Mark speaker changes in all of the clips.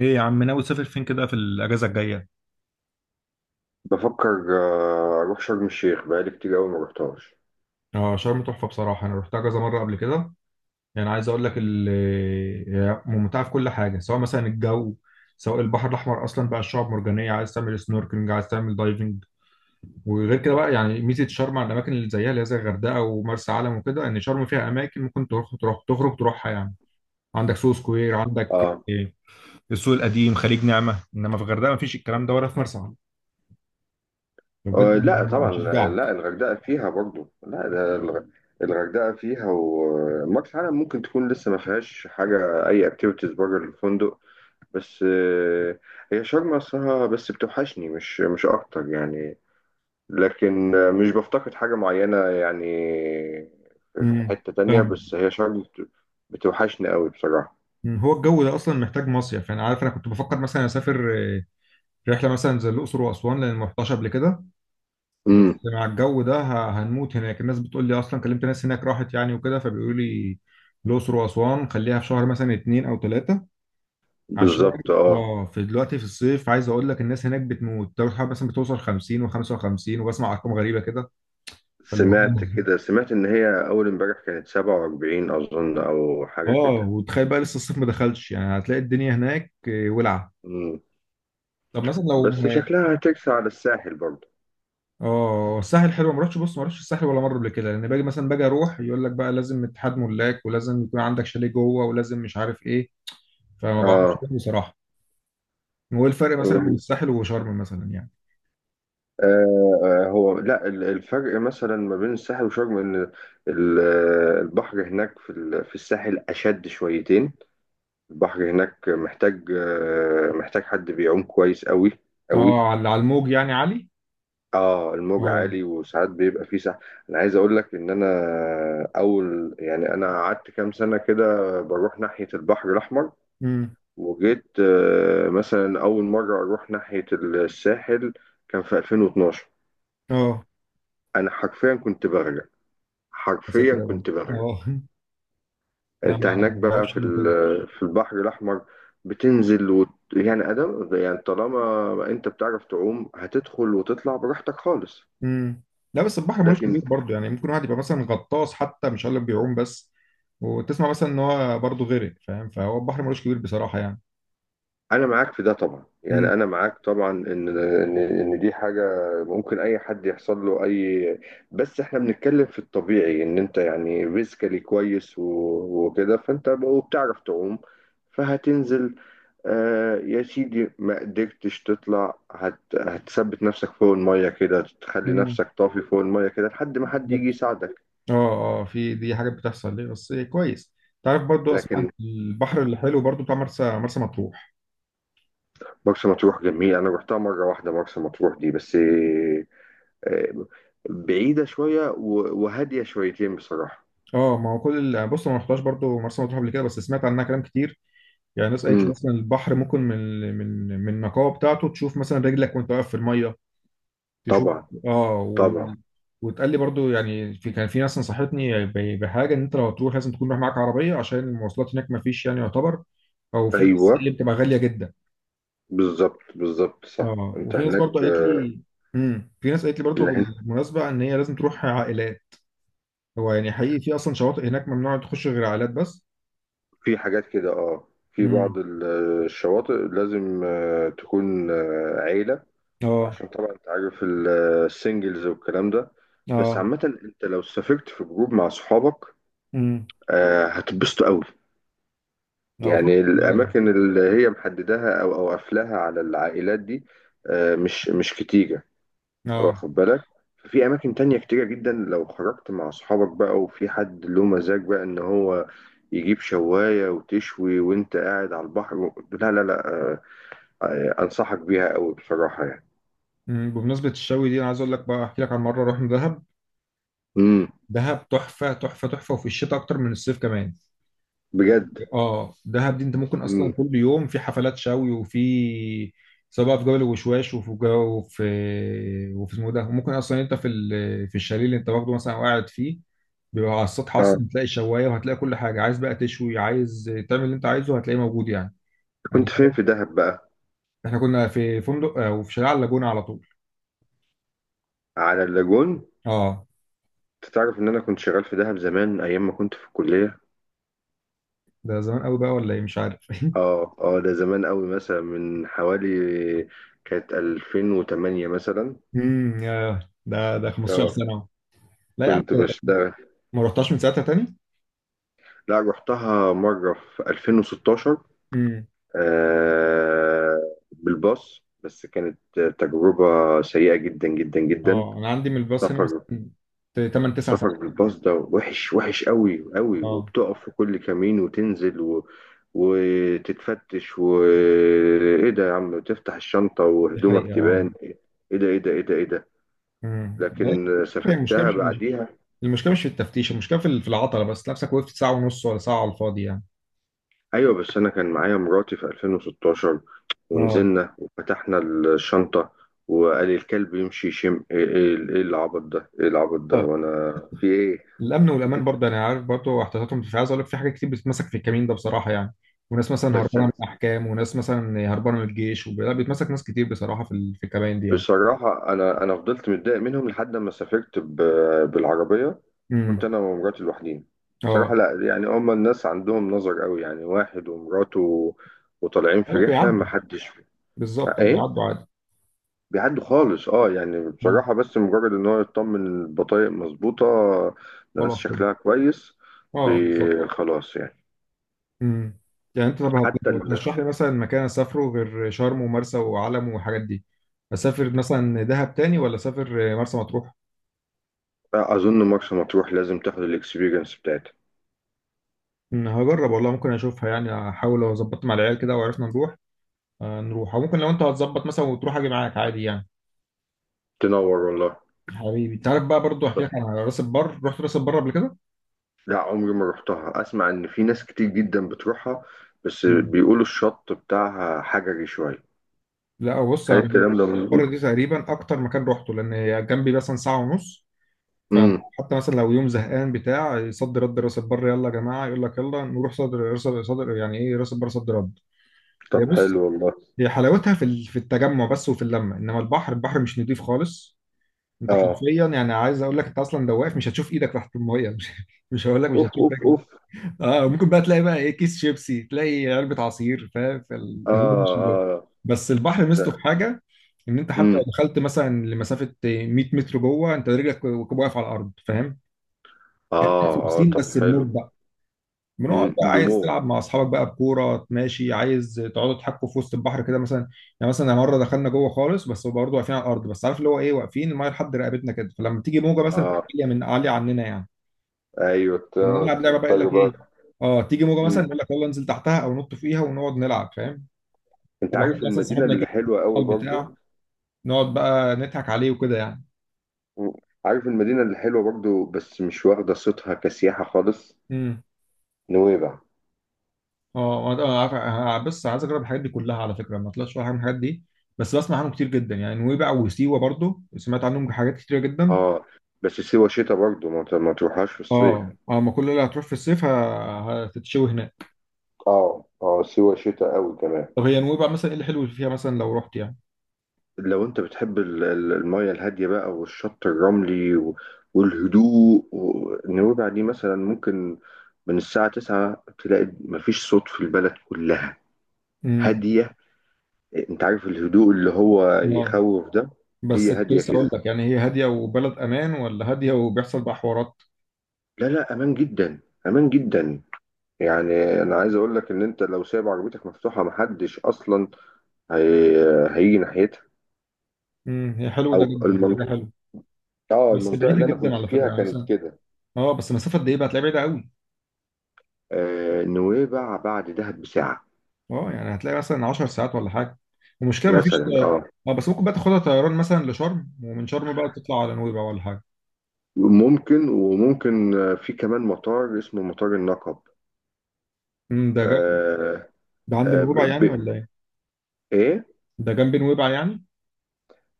Speaker 1: ايه يا عم، ناوي تسافر فين كده في الاجازه الجايه؟
Speaker 2: بفكر اروح شرم الشيخ بقالي كتير قوي ما رحتهاش.
Speaker 1: اه، شرم تحفة بصراحة. أنا روحتها كذا مرة قبل كده. يعني عايز أقول لك هي ممتعة في كل حاجة، سواء مثلا الجو، سواء البحر الأحمر. أصلا بقى الشعاب مرجانية، عايز تعمل سنوركلينج، عايز تعمل دايفنج. وغير كده بقى، يعني ميزة شرم على الأماكن اللي زيها، اللي هي زي الغردقة ومرسى علم وكده، إن شرم فيها أماكن ممكن تروح، تخرج تروحها يعني. عندك سوق سكوير، عندك
Speaker 2: اه.
Speaker 1: إيه، السوق القديم، خليج نعمه. انما في الغردقه مفيش الكلام ده، ولا في مرسى علم،
Speaker 2: لا
Speaker 1: بجد.
Speaker 2: طبعا. لا
Speaker 1: أشجعك.
Speaker 2: الغردقه فيها برضو، لا ده الغردقه فيها ومرسى علم ممكن تكون لسه ما فيهاش حاجه، اي اكتيفيتيز بره الفندق. بس هي شرم اصلها، بس بتوحشني مش اكتر يعني. لكن مش بفتقد حاجه معينه يعني. في
Speaker 1: أمم،
Speaker 2: حته تانية،
Speaker 1: فاهمك.
Speaker 2: بس هي شرم بتوحشني قوي بصراحه.
Speaker 1: هو الجو ده اصلا محتاج مصيف يعني. عارف، انا كنت بفكر مثلا اسافر رحله مثلا زي الاقصر واسوان، لان ما رحتهاش قبل كده. بس
Speaker 2: امم.
Speaker 1: مع الجو ده هنموت هناك. الناس بتقول لي، اصلا كلمت ناس هناك راحت يعني وكده، فبيقولوا لي الاقصر واسوان خليها في شهر مثلا اتنين او تلاته. عشان
Speaker 2: بالظبط اه.
Speaker 1: اه، في دلوقتي في الصيف، عايز اقول لك الناس هناك بتموت. درجه الحراره مثلا بتوصل 50 و55، وبسمع ارقام غريبه كده. فاللي هو
Speaker 2: سمعت كده، سمعت إن هي أول امبارح كانت 47 أظن أو حاجة
Speaker 1: اه،
Speaker 2: كده.
Speaker 1: وتخيل بقى لسه الصيف ما دخلش، يعني هتلاقي الدنيا هناك ولعه.
Speaker 2: مم.
Speaker 1: طب مثلا لو
Speaker 2: بس شكلها هترسى على الساحل برضه.
Speaker 1: اه الساحل حلو. ما رحتش، بص، ما رحتش الساحل ولا مره قبل كده، لان باجي مثلا، باجي اروح يقول لك بقى لازم اتحاد ملاك، ولازم يكون عندك شاليه جوه، ولازم مش عارف ايه. فما بعرفش
Speaker 2: آه
Speaker 1: أروح بصراحه. هو إيه الفرق مثلا بين
Speaker 2: و-
Speaker 1: الساحل وشرم مثلا يعني؟
Speaker 2: هو لا الفرق مثلا ما بين الساحل وشرم إن ال- البحر هناك في الساحل أشد شويتين. البحر هناك محتاج حد بيعوم كويس أوي أوي.
Speaker 1: اه، على على الموج يعني عالي.
Speaker 2: اه الموج
Speaker 1: اه.
Speaker 2: عالي وساعات بيبقى فيه سحب. انا عايز اقول لك ان انا اول، يعني انا قعدت كام سنه كده بروح ناحيه البحر الاحمر.
Speaker 1: امم.
Speaker 2: وجيت مثلا اول مره اروح ناحيه الساحل كان في 2012.
Speaker 1: اه
Speaker 2: انا حرفيا كنت بغرق،
Speaker 1: يا
Speaker 2: حرفيا
Speaker 1: ساتر يا رب
Speaker 2: كنت بغرق.
Speaker 1: اه انا
Speaker 2: انت
Speaker 1: ما
Speaker 2: هناك
Speaker 1: ما
Speaker 2: بقى
Speaker 1: اعرفش انه كده.
Speaker 2: في البحر الاحمر يعني ادم، يعني طالما انت بتعرف تعوم هتدخل وتطلع براحتك خالص.
Speaker 1: امم. لا بس البحر ملوش
Speaker 2: لكن
Speaker 1: كبير برضه، يعني ممكن واحد يبقى مثلا غطاس حتى، مش هقول لك بيعوم بس، وتسمع مثلا ان هو برضه غرق، فاهم؟ فهو البحر ملوش كبير بصراحه يعني.
Speaker 2: انا معاك في ده طبعا،
Speaker 1: امم.
Speaker 2: يعني انا معاك طبعا ان دي حاجه ممكن اي حد يحصل له اي. بس احنا بنتكلم في الطبيعي ان انت يعني فيزيكالي كويس وكده، فانت وبتعرف تعوم، فهتنزل. آه يا سيدي، ما قدرتش تطلع هتثبت نفسك فوق الميه كده، تخلي
Speaker 1: امم.
Speaker 2: نفسك طافي فوق الميه كده لحد ما حد يجي يساعدك.
Speaker 1: اه اه، في دي حاجات بتحصل ليه، بس كويس. تعرف برضو اسمع عن
Speaker 2: لكن
Speaker 1: البحر الحلو برضو بتاع مرسى مطروح.
Speaker 2: مرسى مطروح جميل، انا رحتها مره واحده مرسى مطروح دي بس. آه، بعيدة شوية وهادية شويتين بصراحة.
Speaker 1: اه، ما هو كل بص، أنا ما رحتهاش برضو مرسى مطروح قبل كده، بس سمعت عنها كلام كتير. يعني ناس قالت لي
Speaker 2: امم.
Speaker 1: اصلا البحر ممكن من النقاوه بتاعته تشوف مثلا رجلك وانت واقف في الميه، تشوف.
Speaker 2: طبعا
Speaker 1: اه
Speaker 2: طبعا.
Speaker 1: وتقال لي برضو، يعني في، كان في ناس نصحتني بحاجه، ان انت لو هتروح لازم تكون رايح معاك عربيه، عشان المواصلات هناك ما فيش يعني، يعتبر، او في بس
Speaker 2: أيوه
Speaker 1: اللي بتبقى غاليه جدا.
Speaker 2: بالظبط بالظبط صح.
Speaker 1: اه،
Speaker 2: أنت
Speaker 1: وفي ناس برضو
Speaker 2: هناك
Speaker 1: قالت لي، امم، في ناس قالت لي برضو
Speaker 2: إن هن-
Speaker 1: بالمناسبه، ان هي لازم تروح عائلات. هو يعني حقيقي في اصلا شواطئ هناك ممنوع تخش غير عائلات بس؟
Speaker 2: في حاجات كده، في
Speaker 1: امم.
Speaker 2: بعض الشواطئ لازم تكون عيلة.
Speaker 1: اه.
Speaker 2: عشان طبعا أنت عارف السنجلز والكلام ده. بس
Speaker 1: اه.
Speaker 2: عامة أنت لو سافرت في جروب مع صحابك،
Speaker 1: امم.
Speaker 2: هتتبسطوا أوي.
Speaker 1: اه، بفكر
Speaker 2: يعني
Speaker 1: صدقني.
Speaker 2: الأماكن اللي هي محددها أو قافلاها على العائلات دي، مش كتير.
Speaker 1: اه.
Speaker 2: واخد بالك. في اماكن تانية كتيرة جدا، لو خرجت مع اصحابك بقى وفي حد له مزاج بقى ان هو يجيب شواية وتشوي وانت قاعد على البحر لا لا لا، انصحك بيها قوي بصراحة يعني.
Speaker 1: امم، بمناسبه الشوي دي انا عايز اقول لك بقى، احكي لك عن مره رحنا دهب.
Speaker 2: امم.
Speaker 1: دهب تحفه تحفه تحفه، وفي الشتاء اكتر من الصيف كمان.
Speaker 2: بجد.
Speaker 1: اه، دهب دي انت ممكن اصلا
Speaker 2: امم.
Speaker 1: كل يوم في حفلات شوي، وفي سواء بقى في جبل الوشواش، وفي جو، وفي وفي اسمه إيه ده. وممكن اصلا انت في في الشاليه اللي انت واخده مثلا وقاعد فيه، بيبقى على السطح
Speaker 2: اه
Speaker 1: اصلا بتلاقي شوايه، وهتلاقي كل حاجه، عايز بقى تشوي، عايز تعمل اللي انت عايزه هتلاقيه موجود يعني.
Speaker 2: كنت
Speaker 1: يعني
Speaker 2: فين في دهب بقى.
Speaker 1: احنا كنا في فندق وفي شارع على اللاجونه على طول.
Speaker 2: على اللاجون.
Speaker 1: اه،
Speaker 2: انت تعرف ان انا كنت شغال في دهب زمان ايام ما كنت في الكلية.
Speaker 1: ده زمان قوي بقى ولا ايه مش عارف
Speaker 2: اه اه، ده زمان قوي مثلا من حوالي، كانت 2008 مثلا.
Speaker 1: امم، ده
Speaker 2: اه
Speaker 1: 15 سنه. لا يا عم.
Speaker 2: كنت بشتغل.
Speaker 1: ما رحتهاش من ساعتها.
Speaker 2: لا رحتها مرة في 2016.
Speaker 1: تاني.
Speaker 2: آه. بالباص، بس كانت تجربة سيئة جدا جدا جدا.
Speaker 1: اه، انا عندي من الباص هنا
Speaker 2: سفر.
Speaker 1: مثلا 8 9
Speaker 2: السفر
Speaker 1: ساعات.
Speaker 2: بالباص ده وحش وحش قوي قوي،
Speaker 1: اه،
Speaker 2: وبتقف في كل كمين وتنزل وتتفتش. وايه ده يا عم؟ تفتح الشنطة
Speaker 1: دي حقيقة.
Speaker 2: وهدومك
Speaker 1: اه.
Speaker 2: تبان ايه. ده ايه ده ايه ده ايه ده.
Speaker 1: أمم.
Speaker 2: لكن
Speaker 1: هي المشكلة
Speaker 2: سافرتها بعديها.
Speaker 1: المشكلة مش في التفتيش، المشكلة في في العطلة. بس نفسك وقفت ساعة ونص ولا ساعة على الفاضي يعني.
Speaker 2: ايوه بس انا كان معايا مراتي في 2016
Speaker 1: اه.
Speaker 2: ونزلنا وفتحنا الشنطه، وقال لي الكلب يمشي يشم. ايه ايه إيه العبط ده؟ ايه العبط ده؟
Speaker 1: اه،
Speaker 2: وانا في ايه؟
Speaker 1: الأمن والأمان برضه، أنا عارف، برضه احتياطاتهم، مش عايز أقول لك في حاجات كتير بتتمسك في الكمين ده بصراحة يعني. وناس مثلا
Speaker 2: بس
Speaker 1: هربانة
Speaker 2: انا
Speaker 1: من الأحكام، وناس مثلا هربانة من الجيش، لا بيتمسك ناس كتير بصراحة في في الكمين دي يعني.
Speaker 2: بصراحه، انا فضلت متضايق منهم لحد ما سافرت بالعربيه،
Speaker 1: امم.
Speaker 2: كنت انا ومراتي لوحدين. بصراحه
Speaker 1: اه.
Speaker 2: لا، يعني هما الناس عندهم نظر قوي، يعني واحد ومراته وطالعين في
Speaker 1: هو
Speaker 2: رحله، ما
Speaker 1: بيعدوا.
Speaker 2: حدش.
Speaker 1: بالظبط
Speaker 2: ايه.
Speaker 1: بيعدوا عادي.
Speaker 2: بيعدوا خالص اه. يعني
Speaker 1: أمم.
Speaker 2: بصراحة، بس مجرد ان هو يطمن إن البطايق مظبوطة، الناس
Speaker 1: خلاص كده.
Speaker 2: شكلها كويس،
Speaker 1: اه، بالظبط.
Speaker 2: خلاص يعني.
Speaker 1: امم. يعني انت، طب
Speaker 2: حتى ال...
Speaker 1: هترشح لي مثلا مكان اسافره غير شرم ومرسى وعلم والحاجات دي؟ اسافر مثلا دهب تاني، ولا اسافر مرسى مطروح؟
Speaker 2: اظن مرسى مطروح لازم تاخد الاكسبيرينس بتاعتها.
Speaker 1: هجرب والله، ممكن اشوفها يعني، احاول لو ظبطت مع العيال كده وعرفنا نروح. نروح، او ممكن لو انت هتظبط مثلا وتروح اجي معاك عادي يعني.
Speaker 2: تنور والله.
Speaker 1: حبيبي، انت عارف بقى برضو، احكي لك على راس البر. رحت راس البر قبل كده؟
Speaker 2: لا عمري ما رحتها، اسمع ان في ناس كتير جدا بتروحها، بس
Speaker 1: مم.
Speaker 2: بيقولوا الشط بتاعها حجري شوية.
Speaker 1: لا بص،
Speaker 2: هل
Speaker 1: انا راس
Speaker 2: الكلام ده
Speaker 1: البر دي
Speaker 2: مظبوط؟
Speaker 1: تقريبا اكتر مكان روحته، لان هي جنبي مثلا ساعه ونص.
Speaker 2: امم.
Speaker 1: فحتى مثلا لو يوم زهقان بتاع، يصد رد راس البر، يلا يا جماعه، يقول لك يلا نروح صدر صدر صدر يعني ايه راس البر صد رد.
Speaker 2: طب
Speaker 1: هي بص،
Speaker 2: حلو والله.
Speaker 1: هي حلاوتها في في التجمع بس وفي اللمه، انما البحر، البحر مش نضيف خالص. انت
Speaker 2: اه
Speaker 1: حرفيا، يعني عايز اقول لك انت اصلا لو واقف مش هتشوف ايدك تحت الميه، مش مش هقول لك مش
Speaker 2: اوف
Speaker 1: هتشوف
Speaker 2: اوف
Speaker 1: رجلك.
Speaker 2: اوف.
Speaker 1: اه، ممكن بقى تلاقي بقى ايه، كيس شيبسي، تلاقي علبه عصير، فاهم؟
Speaker 2: اه
Speaker 1: هو مش
Speaker 2: اه
Speaker 1: بس البحر ميزته في
Speaker 2: لا.
Speaker 1: حاجه، ان انت حتى لو
Speaker 2: امم.
Speaker 1: دخلت مثلا لمسافه 100 متر جوه، انت رجلك واقف على الارض، فاهم؟
Speaker 2: اه اه
Speaker 1: تمثيل
Speaker 2: طب
Speaker 1: بس
Speaker 2: حلو.
Speaker 1: بموج بقى. بنقعد بقى، عايز
Speaker 2: بموج.
Speaker 1: تلعب مع اصحابك بقى بكوره، ماشي، عايز تقعدوا تحكوا في وسط البحر كده مثلا. يعني مثلا مره دخلنا جوه خالص، بس برضه واقفين على الارض، بس عارف اللي هو ايه، واقفين المايه لحد رقبتنا كده، فلما تيجي موجه مثلا تبقى
Speaker 2: اه
Speaker 1: عاليه، من عاليه عننا يعني.
Speaker 2: ايوه،
Speaker 1: كنا نلعب لعبه بقى، يقول
Speaker 2: تضطر
Speaker 1: لك
Speaker 2: بقى.
Speaker 1: ايه، اه تيجي موجه مثلا
Speaker 2: مم.
Speaker 1: يقول لك يلا انزل تحتها او نط فيها، ونقعد نلعب فاهم.
Speaker 2: انت
Speaker 1: واحد
Speaker 2: عارف
Speaker 1: مثلا
Speaker 2: المدينه
Speaker 1: صاحبنا
Speaker 2: اللي
Speaker 1: جه
Speaker 2: حلوه قوي برضو.
Speaker 1: البتاع، نقعد بقى نضحك عليه وكده يعني.
Speaker 2: مم. عارف المدينه اللي حلوه برضو بس مش واخده صيتها كسياحه خالص.
Speaker 1: امم.
Speaker 2: نويبع.
Speaker 1: اه، أنا عارف. أنا بس عايز اجرب الحاجات دي كلها. على فكره، ما طلعتش ولا حاجه من الحاجات دي، بس بسمع عنهم كتير جدا. يعني نويبع وسيوه برضو سمعت عنهم حاجات كتيره جدا.
Speaker 2: اه بس سيوه شتاء برضو، ما تروحهاش في الصيف.
Speaker 1: اه. اه، ما كل اللي هتروح في الصيف هتتشوي هناك.
Speaker 2: اه اه، سيوه شتاء قوي كمان.
Speaker 1: طب هي نويبع مثلا ايه الحلو اللي فيها، مثلا لو رحت يعني؟
Speaker 2: لو انت بتحب الميه الهاديه بقى والشط الرملي والهدوء نويبع دي مثلا ممكن من الساعه 9 تلاقي مفيش صوت في البلد كلها.
Speaker 1: امم.
Speaker 2: هاديه. انت عارف الهدوء اللي هو
Speaker 1: اه،
Speaker 2: يخوف ده. هي
Speaker 1: بس كنت
Speaker 2: هاديه
Speaker 1: لسه اقول
Speaker 2: كده.
Speaker 1: لك، يعني هي هاديه وبلد امان، ولا هاديه وبيحصل بقى حوارات؟
Speaker 2: لا لا، امان جدا، امان جدا. يعني انا عايز اقول لك ان انت لو سايب عربيتك مفتوحه محدش اصلا هي... هيجي ناحيتها،
Speaker 1: امم. هي حلو ده
Speaker 2: او
Speaker 1: جدا، ده حاجه
Speaker 2: المنطقه.
Speaker 1: حلوه.
Speaker 2: اه
Speaker 1: بس
Speaker 2: المنطقه
Speaker 1: بعيده
Speaker 2: اللي انا
Speaker 1: جدا
Speaker 2: كنت
Speaker 1: على فكره،
Speaker 2: فيها
Speaker 1: يعني
Speaker 2: كانت
Speaker 1: مثلا،
Speaker 2: كده.
Speaker 1: اه بس مسافه قد ايه بقى هتلاقيها بعيده قوي.
Speaker 2: آه نويبع بعد دهب بساعه
Speaker 1: اه، يعني هتلاقي مثلا 10 ساعات ولا حاجه. المشكله ما فيش.
Speaker 2: مثلا. اه
Speaker 1: اه، بس ممكن بقى تاخدها طيران مثلا لشرم، ومن شرم بقى تطلع على نويبع ولا حاجه.
Speaker 2: ممكن وممكن، في كمان مطار اسمه مطار النقب.
Speaker 1: امم، ده جنب.
Speaker 2: آه.
Speaker 1: ده عند
Speaker 2: آه ب...
Speaker 1: نويبع يعني
Speaker 2: ب...
Speaker 1: ولا ايه؟
Speaker 2: ايه.
Speaker 1: ده جنب نويبع يعني؟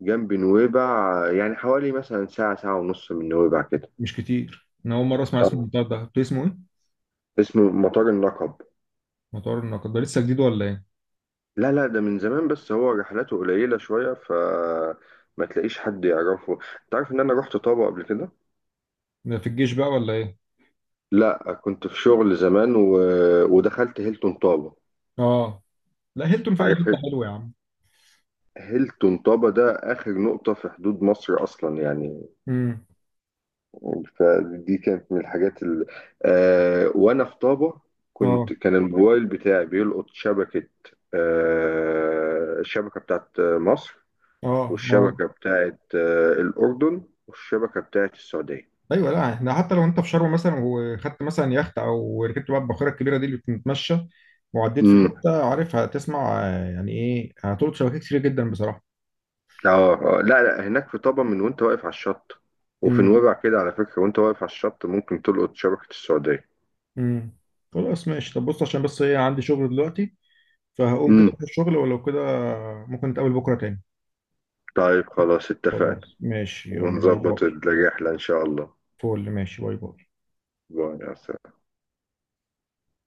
Speaker 2: جنب نويبع يعني حوالي مثلا ساعه ساعه ونص من نويبع كده.
Speaker 1: مش كتير، انا اول مره اسمع اسم
Speaker 2: اه
Speaker 1: المطار ده. اسمه ايه؟
Speaker 2: اسمه مطار النقب.
Speaker 1: مطار النقد ده لسه جديد ولا ايه؟
Speaker 2: لا لا، ده من زمان بس هو رحلاته قليلة شوية، ف ما تلاقيش حد يعرفه. انت عارف ان انا رحت طابة قبل كده.
Speaker 1: ده في الجيش بقى ولا ايه؟
Speaker 2: لا كنت في شغل زمان ودخلت هيلتون طابة.
Speaker 1: اه، لا هيلتون في اي
Speaker 2: عارف
Speaker 1: حته حلوه يا عم.
Speaker 2: هيلتون طابة ده اخر نقطة في حدود مصر اصلا يعني.
Speaker 1: امم.
Speaker 2: فدي كانت من الحاجات آه، وانا في طابة
Speaker 1: اه.
Speaker 2: كان الموبايل بتاعي بيلقط شبكة. الشبكة بتاعت مصر،
Speaker 1: اه. آه.
Speaker 2: والشبكة بتاعت الأردن، والشبكة بتاعت السعودية.
Speaker 1: ايوه، لا، احنا حتى لو انت في شرم مثلا وخدت مثلا يخت، او ركبت بقى الباخره الكبيره دي اللي بتتمشى وعديت في
Speaker 2: امم.
Speaker 1: حته عارفها، هتسمع يعني ايه، هتلقط شبكات كتير جدا بصراحه.
Speaker 2: اه لا لا، هناك في طبعا من وانت واقف على الشط، وفي
Speaker 1: امم.
Speaker 2: نويبع كده على فكرة وانت واقف على الشط ممكن تلقط شبكة السعودية.
Speaker 1: امم. خلاص ماشي. طب بص، عشان بس ايه، عندي شغل دلوقتي، فهقوم كده
Speaker 2: امم.
Speaker 1: في الشغل، ولو كده ممكن نتقابل بكره تاني.
Speaker 2: طيب خلاص اتفقنا،
Speaker 1: خلاص ماشي، يلا باي
Speaker 2: ونظبط
Speaker 1: باي.
Speaker 2: الرحلة إن شاء الله.
Speaker 1: فول ماشي باي باي.
Speaker 2: باي يا سلام.